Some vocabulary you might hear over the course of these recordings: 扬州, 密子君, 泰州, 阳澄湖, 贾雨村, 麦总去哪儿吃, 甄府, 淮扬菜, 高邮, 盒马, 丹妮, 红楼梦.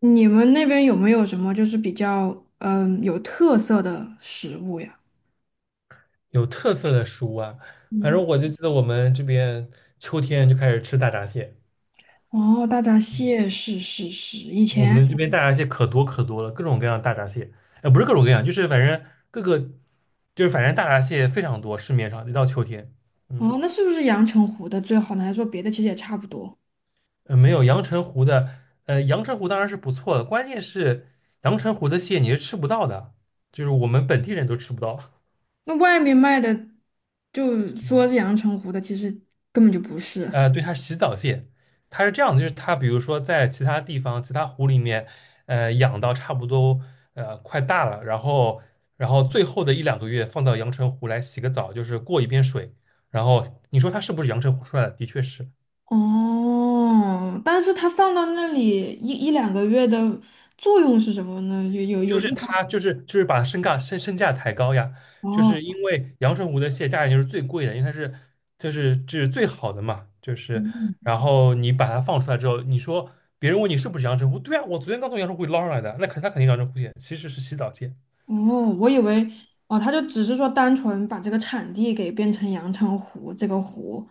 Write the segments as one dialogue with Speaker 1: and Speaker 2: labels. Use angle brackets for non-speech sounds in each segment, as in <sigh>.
Speaker 1: 你们那边有没有什么就是比较有特色的食物呀？
Speaker 2: 有特色的食物啊，反正
Speaker 1: 嗯，
Speaker 2: 我就记得我们这边秋天就开始吃大闸蟹，
Speaker 1: 哦，大闸蟹是是是，以
Speaker 2: 我
Speaker 1: 前
Speaker 2: 们这边大闸蟹可多可多了，各种各样的大闸蟹。哎，不是各种各样，就是反正各个，就是反正大闸蟹非常多，市面上一到秋天。嗯，
Speaker 1: 哦，那是不是阳澄湖的最好呢？还是说别的其实也差不多？
Speaker 2: 没有阳澄湖的，阳澄湖当然是不错的，关键是阳澄湖的蟹你是吃不到的，就是我们本地人都吃不到。<laughs>
Speaker 1: 那外面卖的就说
Speaker 2: 嗯
Speaker 1: 是阳澄湖的，其实根本就不是。
Speaker 2: 对，它是洗澡蟹。它是这样的，就是它比如说在其他地方、其他湖里面，养到差不多快大了，然后最后的一两个月放到阳澄湖来洗个澡，就是过一遍水。然后你说它是不是阳澄湖出来的？的确是。
Speaker 1: 哦，但是它放到那里一两个月的作用是什么呢？有有
Speaker 2: 就
Speaker 1: 有
Speaker 2: 是
Speaker 1: 地方
Speaker 2: 它就是就是把身价抬高呀，就是因
Speaker 1: 哦。
Speaker 2: 为阳澄湖的蟹价钱就是最贵的，因为它就是最好的嘛。就是然后你把它放出来之后，你说别人问你是不是阳澄湖，对啊，我昨天刚从阳澄湖里捞上来的，那他肯定阳澄湖蟹，其实是洗澡蟹。
Speaker 1: 哦，我以为哦，他就只是说单纯把这个产地给变成阳澄湖这个湖。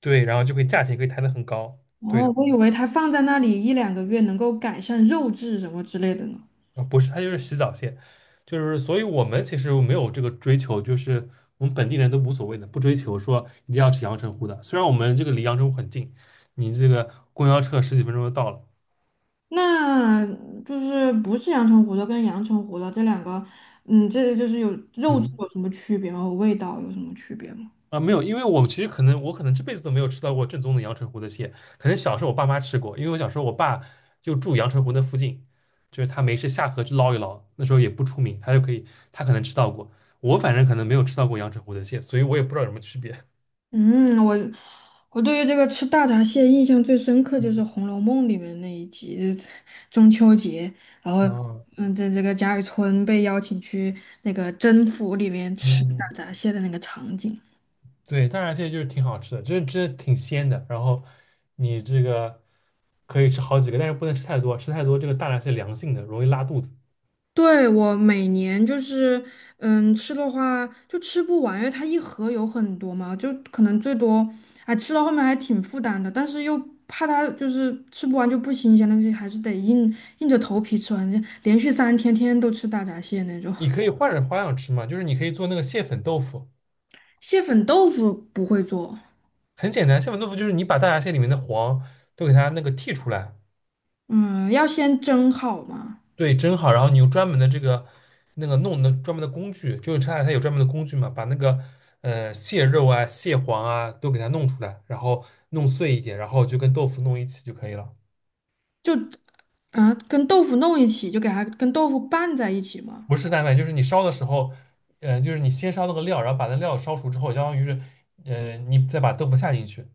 Speaker 2: 对，然后就可以价钱可以抬得很高。
Speaker 1: 哦，
Speaker 2: 对。
Speaker 1: 我以为它放在那里一两个月能够改善肉质什么之类的呢。
Speaker 2: 啊，不是，它就是洗澡蟹。就是所以我们其实没有这个追求，就是我们本地人都无所谓的，不追求说一定要吃阳澄湖的。虽然我们这个离阳澄湖很近，你这个公交车十几分钟就到了。
Speaker 1: 那就是不是阳澄湖的跟阳澄湖的这两个，嗯，这就是有肉质
Speaker 2: 嗯。
Speaker 1: 有什么区别吗？味道有什么区别吗？
Speaker 2: 啊，没有，因为我其实可能这辈子都没有吃到过正宗的阳澄湖的蟹。可能小时候我爸妈吃过，因为我小时候我爸就住阳澄湖那附近，就是他没事下河去捞一捞，那时候也不出名，他就可以，他可能吃到过。我反正可能没有吃到过阳澄湖的蟹，所以我也不知道有什么区别。
Speaker 1: 嗯，我对于这个吃大闸蟹印象最深刻就是
Speaker 2: 嗯。
Speaker 1: 《红楼梦》里面那一集，中秋节，然后
Speaker 2: 哦。
Speaker 1: 在这个贾雨村被邀请去那个甄府里面吃大
Speaker 2: 嗯，
Speaker 1: 闸蟹的那个场景。
Speaker 2: 对，大闸蟹就是挺好吃的，真真的挺鲜的。然后你这个可以吃好几个，但是不能吃太多，吃太多这个大闸蟹凉性的，容易拉肚子。
Speaker 1: 对，我每年就是，吃的话就吃不完，因为它一盒有很多嘛，就可能最多，哎，吃到后面还挺负担的，但是又怕它就是吃不完就不新鲜了，就还是得硬着头皮吃完，就连续三天天天都吃大闸蟹那种。
Speaker 2: 你可以换着花样吃嘛，就是你可以做那个蟹粉豆腐，
Speaker 1: 蟹粉豆腐不会做，
Speaker 2: 很简单。蟹粉豆腐就是你把大闸蟹里面的黄都给它那个剔出来。
Speaker 1: 嗯，要先蒸好嘛，
Speaker 2: 对，蒸好，然后你用专门的这个那个弄的专门的工具，就是大闸蟹有专门的工具嘛，把那个蟹肉啊、蟹黄啊都给它弄出来，然后弄碎一点，然后就跟豆腐弄一起就可以了。
Speaker 1: 就啊跟豆腐弄一起，就给它跟豆腐拌在一起嘛。
Speaker 2: 不是蛋白，就是你烧的时候，就是你先烧那个料，然后把那料烧熟之后，相当于是，你再把豆腐下进去。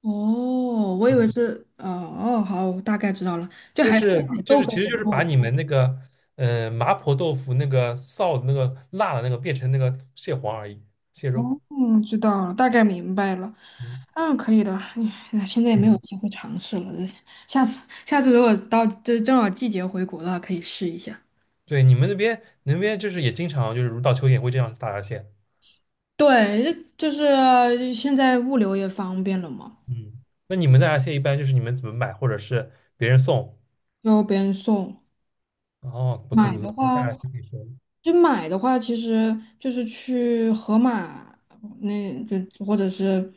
Speaker 1: 哦，我以为
Speaker 2: 嗯，
Speaker 1: 是，哦哦，好，我大概知道了，就还豆腐
Speaker 2: 其实就是把你
Speaker 1: 做。
Speaker 2: 们那个，麻婆豆腐那个臊的那个辣的那个变成那个蟹黄而已，蟹肉。
Speaker 1: 嗯，知道了，大概明白了。
Speaker 2: 嗯。
Speaker 1: 嗯，可以的。哎，现在也没有
Speaker 2: 嗯，
Speaker 1: 机会尝试了，下次如果到这正好季节回国的话，可以试一下。
Speaker 2: 对，你们那边就是也经常就是如到秋天会这样大闸蟹。
Speaker 1: 对，就是现在物流也方便了嘛，
Speaker 2: 嗯，那你们大闸蟹一般就是你们怎么买，或者是别人送？
Speaker 1: 就别人送。
Speaker 2: 哦，不错
Speaker 1: 买
Speaker 2: 不错，
Speaker 1: 的
Speaker 2: 大
Speaker 1: 话，
Speaker 2: 闸蟹可以说。
Speaker 1: 买的话，其实就是去盒马，那就或者是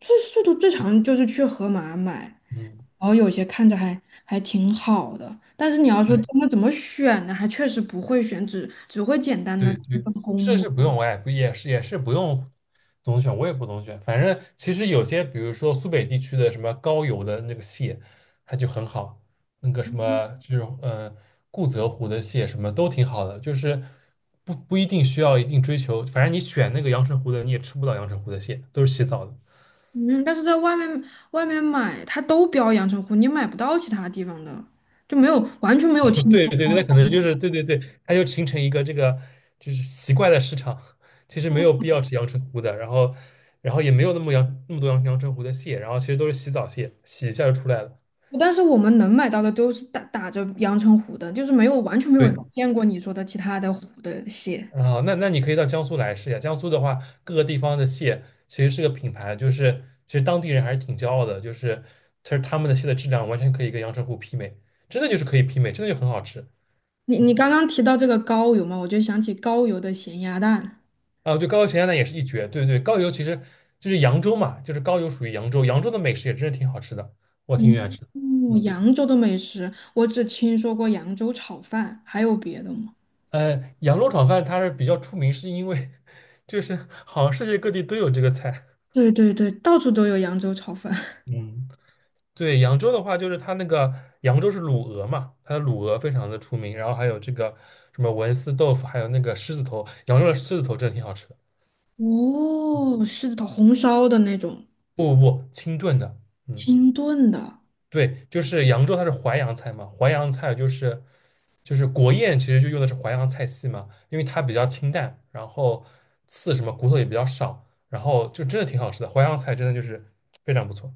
Speaker 1: 最速度最长就是去盒马买，
Speaker 2: 嗯，
Speaker 1: 然后有些看着还挺好的，但是你要说
Speaker 2: 对。
Speaker 1: 真的怎么选呢，还确实不会选，只会简单的
Speaker 2: 对
Speaker 1: 去
Speaker 2: 对，
Speaker 1: 分公
Speaker 2: 是
Speaker 1: 母。
Speaker 2: 是不用，我也不用总选，我也不总选。反正其实有些，比如说苏北地区的什么高邮的那个蟹，它就很好，那个什么这种固泽湖的蟹什么都挺好的。就是不一定需要一定追求，反正你选那个阳澄湖的，你也吃不到阳澄湖的蟹，都是洗澡的。
Speaker 1: 嗯，但是在外面买，它都标阳澄湖，你买不到其他地方的。
Speaker 2: <laughs> 对对对，那可能就是对对对，它就形成一个这个就是奇怪的市场。其实没有必要吃阳澄湖的，然后也没有那么多阳澄湖的蟹，然后其实都是洗澡蟹，洗一下就出来了。
Speaker 1: 但是我们能买到的都是打着阳澄湖的，就是没有完全没有
Speaker 2: 对。
Speaker 1: 见过你说的其他的湖的蟹。
Speaker 2: 啊、那你可以到江苏来试一下，江苏的话各个地方的蟹其实是个品牌，就是其实当地人还是挺骄傲的，就是其实他们的蟹的质量完全可以跟阳澄湖媲美，真的就是可以媲美，真的就很好吃。
Speaker 1: 你
Speaker 2: 嗯。
Speaker 1: 刚刚提到这个高邮嘛，我就想起高邮的咸鸭蛋。
Speaker 2: 啊，对，高邮咸鸭蛋也是一绝。对对，高邮其实就是扬州嘛，就是高邮属于扬州，扬州的美食也真是挺好吃的，我挺喜欢
Speaker 1: 嗯，
Speaker 2: 吃的。嗯，
Speaker 1: 扬州的美食，我只听说过扬州炒饭，还有别的吗？
Speaker 2: 扬州炒饭它是比较出名，是因为 <laughs> 就是好像世界各地都有这个菜。
Speaker 1: 对对对，到处都有扬州炒饭。<laughs>
Speaker 2: 嗯。<laughs> 对，扬州的话就是它那个扬州是卤鹅嘛，它的卤鹅非常的出名，然后还有这个什么文思豆腐，还有那个狮子头，扬州的狮子头真的挺好吃的。
Speaker 1: 哦，是的，红烧的那种，
Speaker 2: 不不不，清炖的。嗯。
Speaker 1: 清炖的。
Speaker 2: 对，就是扬州它是淮扬菜嘛，淮扬菜就是国宴，其实就用的是淮扬菜系嘛，因为它比较清淡，然后刺什么骨头也比较少，然后就真的挺好吃的，淮扬菜真的就是非常不错。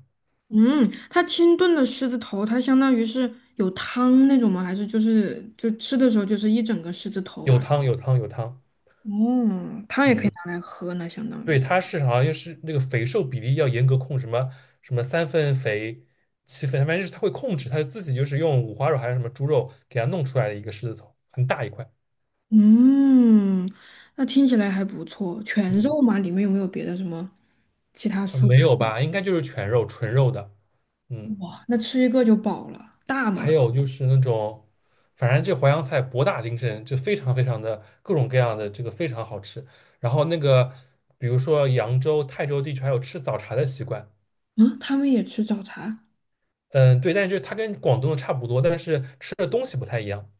Speaker 1: 嗯，它清炖的狮子头，它相当于是有汤那种吗？还是就吃的时候就是一整个狮子头
Speaker 2: 有
Speaker 1: 而已
Speaker 2: 汤有汤有汤。
Speaker 1: 哦，汤也可以
Speaker 2: 嗯，
Speaker 1: 拿来喝呢，相当
Speaker 2: 对，
Speaker 1: 于。
Speaker 2: 它是好像又是那个肥瘦比例要严格控，什么三分肥七分，反正就是它会控制，它自己就是用五花肉还是什么猪肉给它弄出来的一个狮子头，很大一块。
Speaker 1: 嗯，那听起来还不错。全
Speaker 2: 嗯，
Speaker 1: 肉吗？里面有没有别的什么其他蔬
Speaker 2: 没
Speaker 1: 菜？
Speaker 2: 有吧，应该就是全肉纯肉的。嗯。
Speaker 1: 哇，那吃一个就饱了。大
Speaker 2: 还
Speaker 1: 吗？
Speaker 2: 有就是那种，反正这淮扬菜博大精深，就非常非常的各种各样的这个非常好吃。然后那个，比如说扬州、泰州地区还有吃早茶的习惯。
Speaker 1: 嗯，他们也吃早茶。
Speaker 2: 嗯，对，但是就它跟广东的差不多，但是吃的东西不太一样。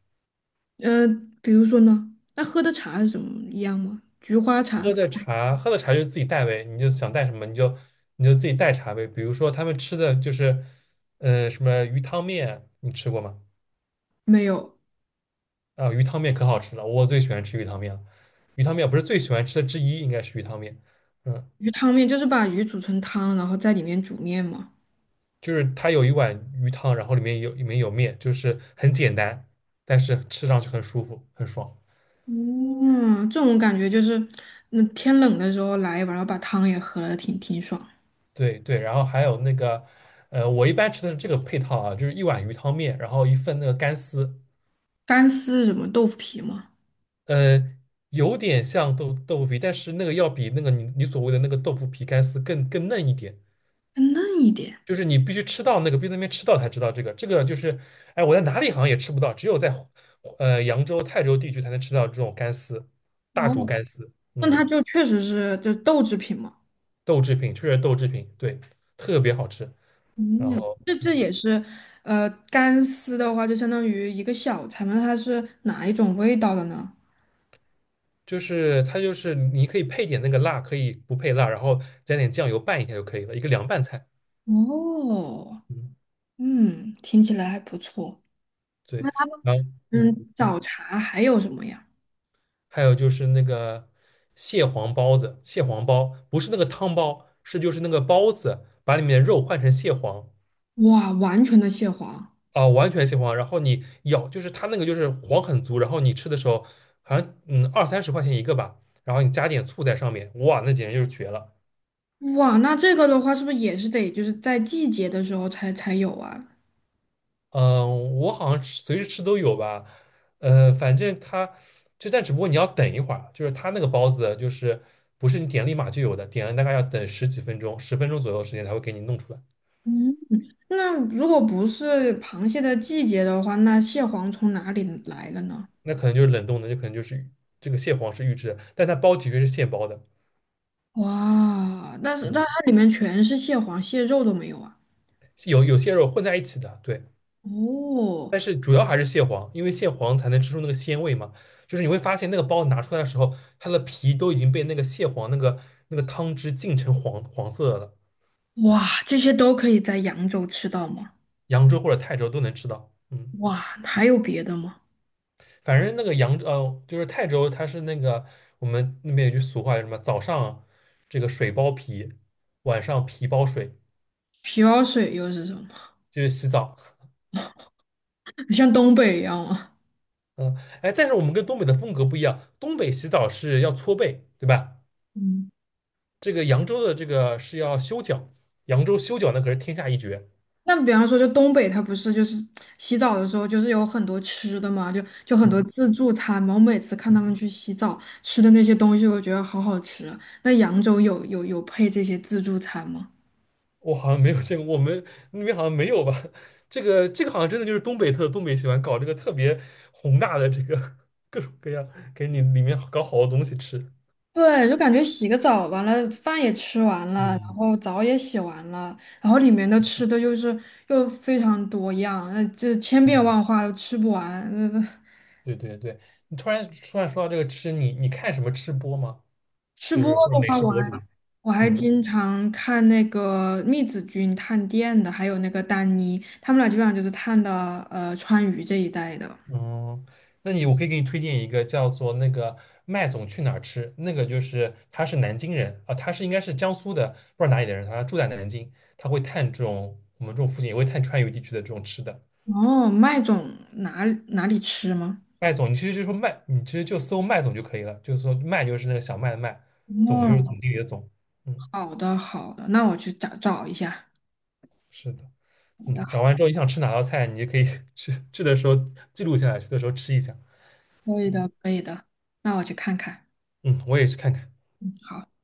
Speaker 1: 呃，比如说呢，那喝的茶是什么一样吗？菊花茶
Speaker 2: 喝的茶，喝的茶就是自己带呗，你就想带什么你就自己带茶呗。比如说他们吃的就是，什么鱼汤面，你吃过吗？
Speaker 1: 没有，
Speaker 2: 啊，鱼汤面可好吃了，我最喜欢吃鱼汤面了。鱼汤面不是最喜欢吃的之一，应该是鱼汤面。嗯。
Speaker 1: 鱼汤面就是把鱼煮成汤，然后在里面煮面吗？
Speaker 2: 就是它有一碗鱼汤，然后里面有面，就是很简单，但是吃上去很舒服，很爽。
Speaker 1: 嗯，这种感觉就是，那天冷的时候来一碗，然后把汤也喝了，挺爽。
Speaker 2: 对对，然后还有那个，我一般吃的是这个配套啊，就是一碗鱼汤面，然后一份那个干丝。
Speaker 1: 干丝是什么豆腐皮吗？
Speaker 2: 呃，有点像豆腐皮，但是那个要比那个你所谓的那个豆腐皮干丝更嫩一点，
Speaker 1: 更嫩一点。
Speaker 2: 就是你必须吃到那个，必须在那边吃到才知道这个，这个就是，哎，我在哪里好像也吃不到，只有在扬州、泰州地区才能吃到这种干丝，大
Speaker 1: 哦，
Speaker 2: 煮干丝。
Speaker 1: 那它
Speaker 2: 嗯。
Speaker 1: 就确实是就是豆制品嘛。
Speaker 2: 豆制品，确实豆制品。对，特别好吃。然
Speaker 1: 嗯，
Speaker 2: 后，
Speaker 1: 这
Speaker 2: 嗯，
Speaker 1: 也是，干丝的话就相当于一个小菜嘛，那它是哪一种味道的呢？
Speaker 2: 就是它就是你可以配点那个辣，可以不配辣，然后加点酱油拌一下就可以了，一个凉拌菜。
Speaker 1: 哦，
Speaker 2: 嗯，
Speaker 1: 嗯，听起来还不错。
Speaker 2: 对。然后，嗯，
Speaker 1: 嗯，早茶还有什么呀？
Speaker 2: 还有就是那个蟹黄包子。蟹黄包不是那个汤包，是就是那个包子，把里面的肉换成蟹黄
Speaker 1: 哇，完全的蟹黄。
Speaker 2: 啊、完全蟹黄。然后你咬，就是它那个就是黄很足，然后你吃的时候好像嗯二三十块钱一个吧，然后你加点醋在上面，哇，那简直就是绝了。
Speaker 1: 哇，那这个的话，是不是也是得就是在季节的时候才有啊？
Speaker 2: 嗯，我好像吃随时吃都有吧。反正它就但只不过你要等一会儿，就是它那个包子就是不是你点立马就有的，点了大概要等十几分钟，10分钟左右的时间才会给你弄出来。
Speaker 1: 嗯，那如果不是螃蟹的季节的话，那蟹黄从哪里来的呢？
Speaker 2: 那可能就是冷冻的，就可能就是这个蟹黄是预制的，但它包的确是现包的。
Speaker 1: 哇，但
Speaker 2: 嗯，
Speaker 1: 它里面全是蟹黄，蟹肉都没有啊。
Speaker 2: 有有蟹肉混在一起的。对，
Speaker 1: 哦，
Speaker 2: 但是主要还是蟹黄，因为蟹黄才能吃出那个鲜味嘛。就是你会发现那个包子拿出来的时候，它的皮都已经被那个蟹黄那个那个汤汁浸成黄黄色的了。
Speaker 1: 哇，这些都可以在扬州吃到吗？
Speaker 2: 扬州或者泰州都能吃到。嗯，
Speaker 1: 哇，还有别的吗？
Speaker 2: 反正那个就是泰州，它是那个我们那边有句俗话，叫什么？早上这个水包皮，晚上皮包水，
Speaker 1: 皮包水又是什么？
Speaker 2: 就是洗澡。
Speaker 1: <laughs> 像东北一样吗？
Speaker 2: 嗯，哎，但是我们跟东北的风格不一样，东北洗澡是要搓背，对吧？
Speaker 1: 嗯。
Speaker 2: 这个扬州的这个是要修脚，扬州修脚那可是天下一绝。
Speaker 1: 那比方说，就东北，它不是就是洗澡的时候，就是有很多吃的嘛，就很多
Speaker 2: 嗯，
Speaker 1: 自助餐嘛。我每次看他们去洗澡吃的那些东西，我觉得好好吃啊。那扬州有配这些自助餐吗？
Speaker 2: 我好像没有见过，我们那边好像没有吧？<laughs> 这个好像真的就是东北特，东北喜欢搞这个特别宏大的这个 <laughs> 各种各样，给你里面搞好多东西吃。
Speaker 1: 对，就感觉洗个澡，完了饭也吃完了，然
Speaker 2: 嗯。
Speaker 1: 后澡也洗完了，然后里面的吃的又非常多样，那就千变
Speaker 2: 嗯，
Speaker 1: 万化，又吃不完，
Speaker 2: 对对对，你突然说到这个吃，你看什么吃播吗？
Speaker 1: 吃
Speaker 2: 就
Speaker 1: 不过
Speaker 2: 是或者
Speaker 1: 都
Speaker 2: 美
Speaker 1: 花
Speaker 2: 食博
Speaker 1: 完。
Speaker 2: 主？
Speaker 1: 我还
Speaker 2: 嗯。
Speaker 1: 经常看那个密子君探店的，还有那个丹妮，他们俩基本上就是探的川渝这一带的。
Speaker 2: 嗯，那你我可以给你推荐一个叫做那个麦总去哪儿吃。那个就是他是南京人啊，他是应该是江苏的，不知道哪里的人，他住在南京。他会探这种我们这种附近，也会探川渝地区的这种吃的。
Speaker 1: 哦，麦总哪里吃吗？
Speaker 2: 麦总，你其实就说麦，你其实就搜麦总就可以了，就是说麦就是那个小麦的麦，总就是
Speaker 1: 哦，
Speaker 2: 总经理的总。嗯，
Speaker 1: 好的好的，那我去找找一下。
Speaker 2: 是的。
Speaker 1: 好的
Speaker 2: 嗯，找
Speaker 1: 好，
Speaker 2: 完之后你想吃哪道菜，你就可以 <laughs> 去的时候记录下来，去的时候吃一下。
Speaker 1: 可以的可以的，那我去看看。
Speaker 2: 嗯，我也去看看。
Speaker 1: 好。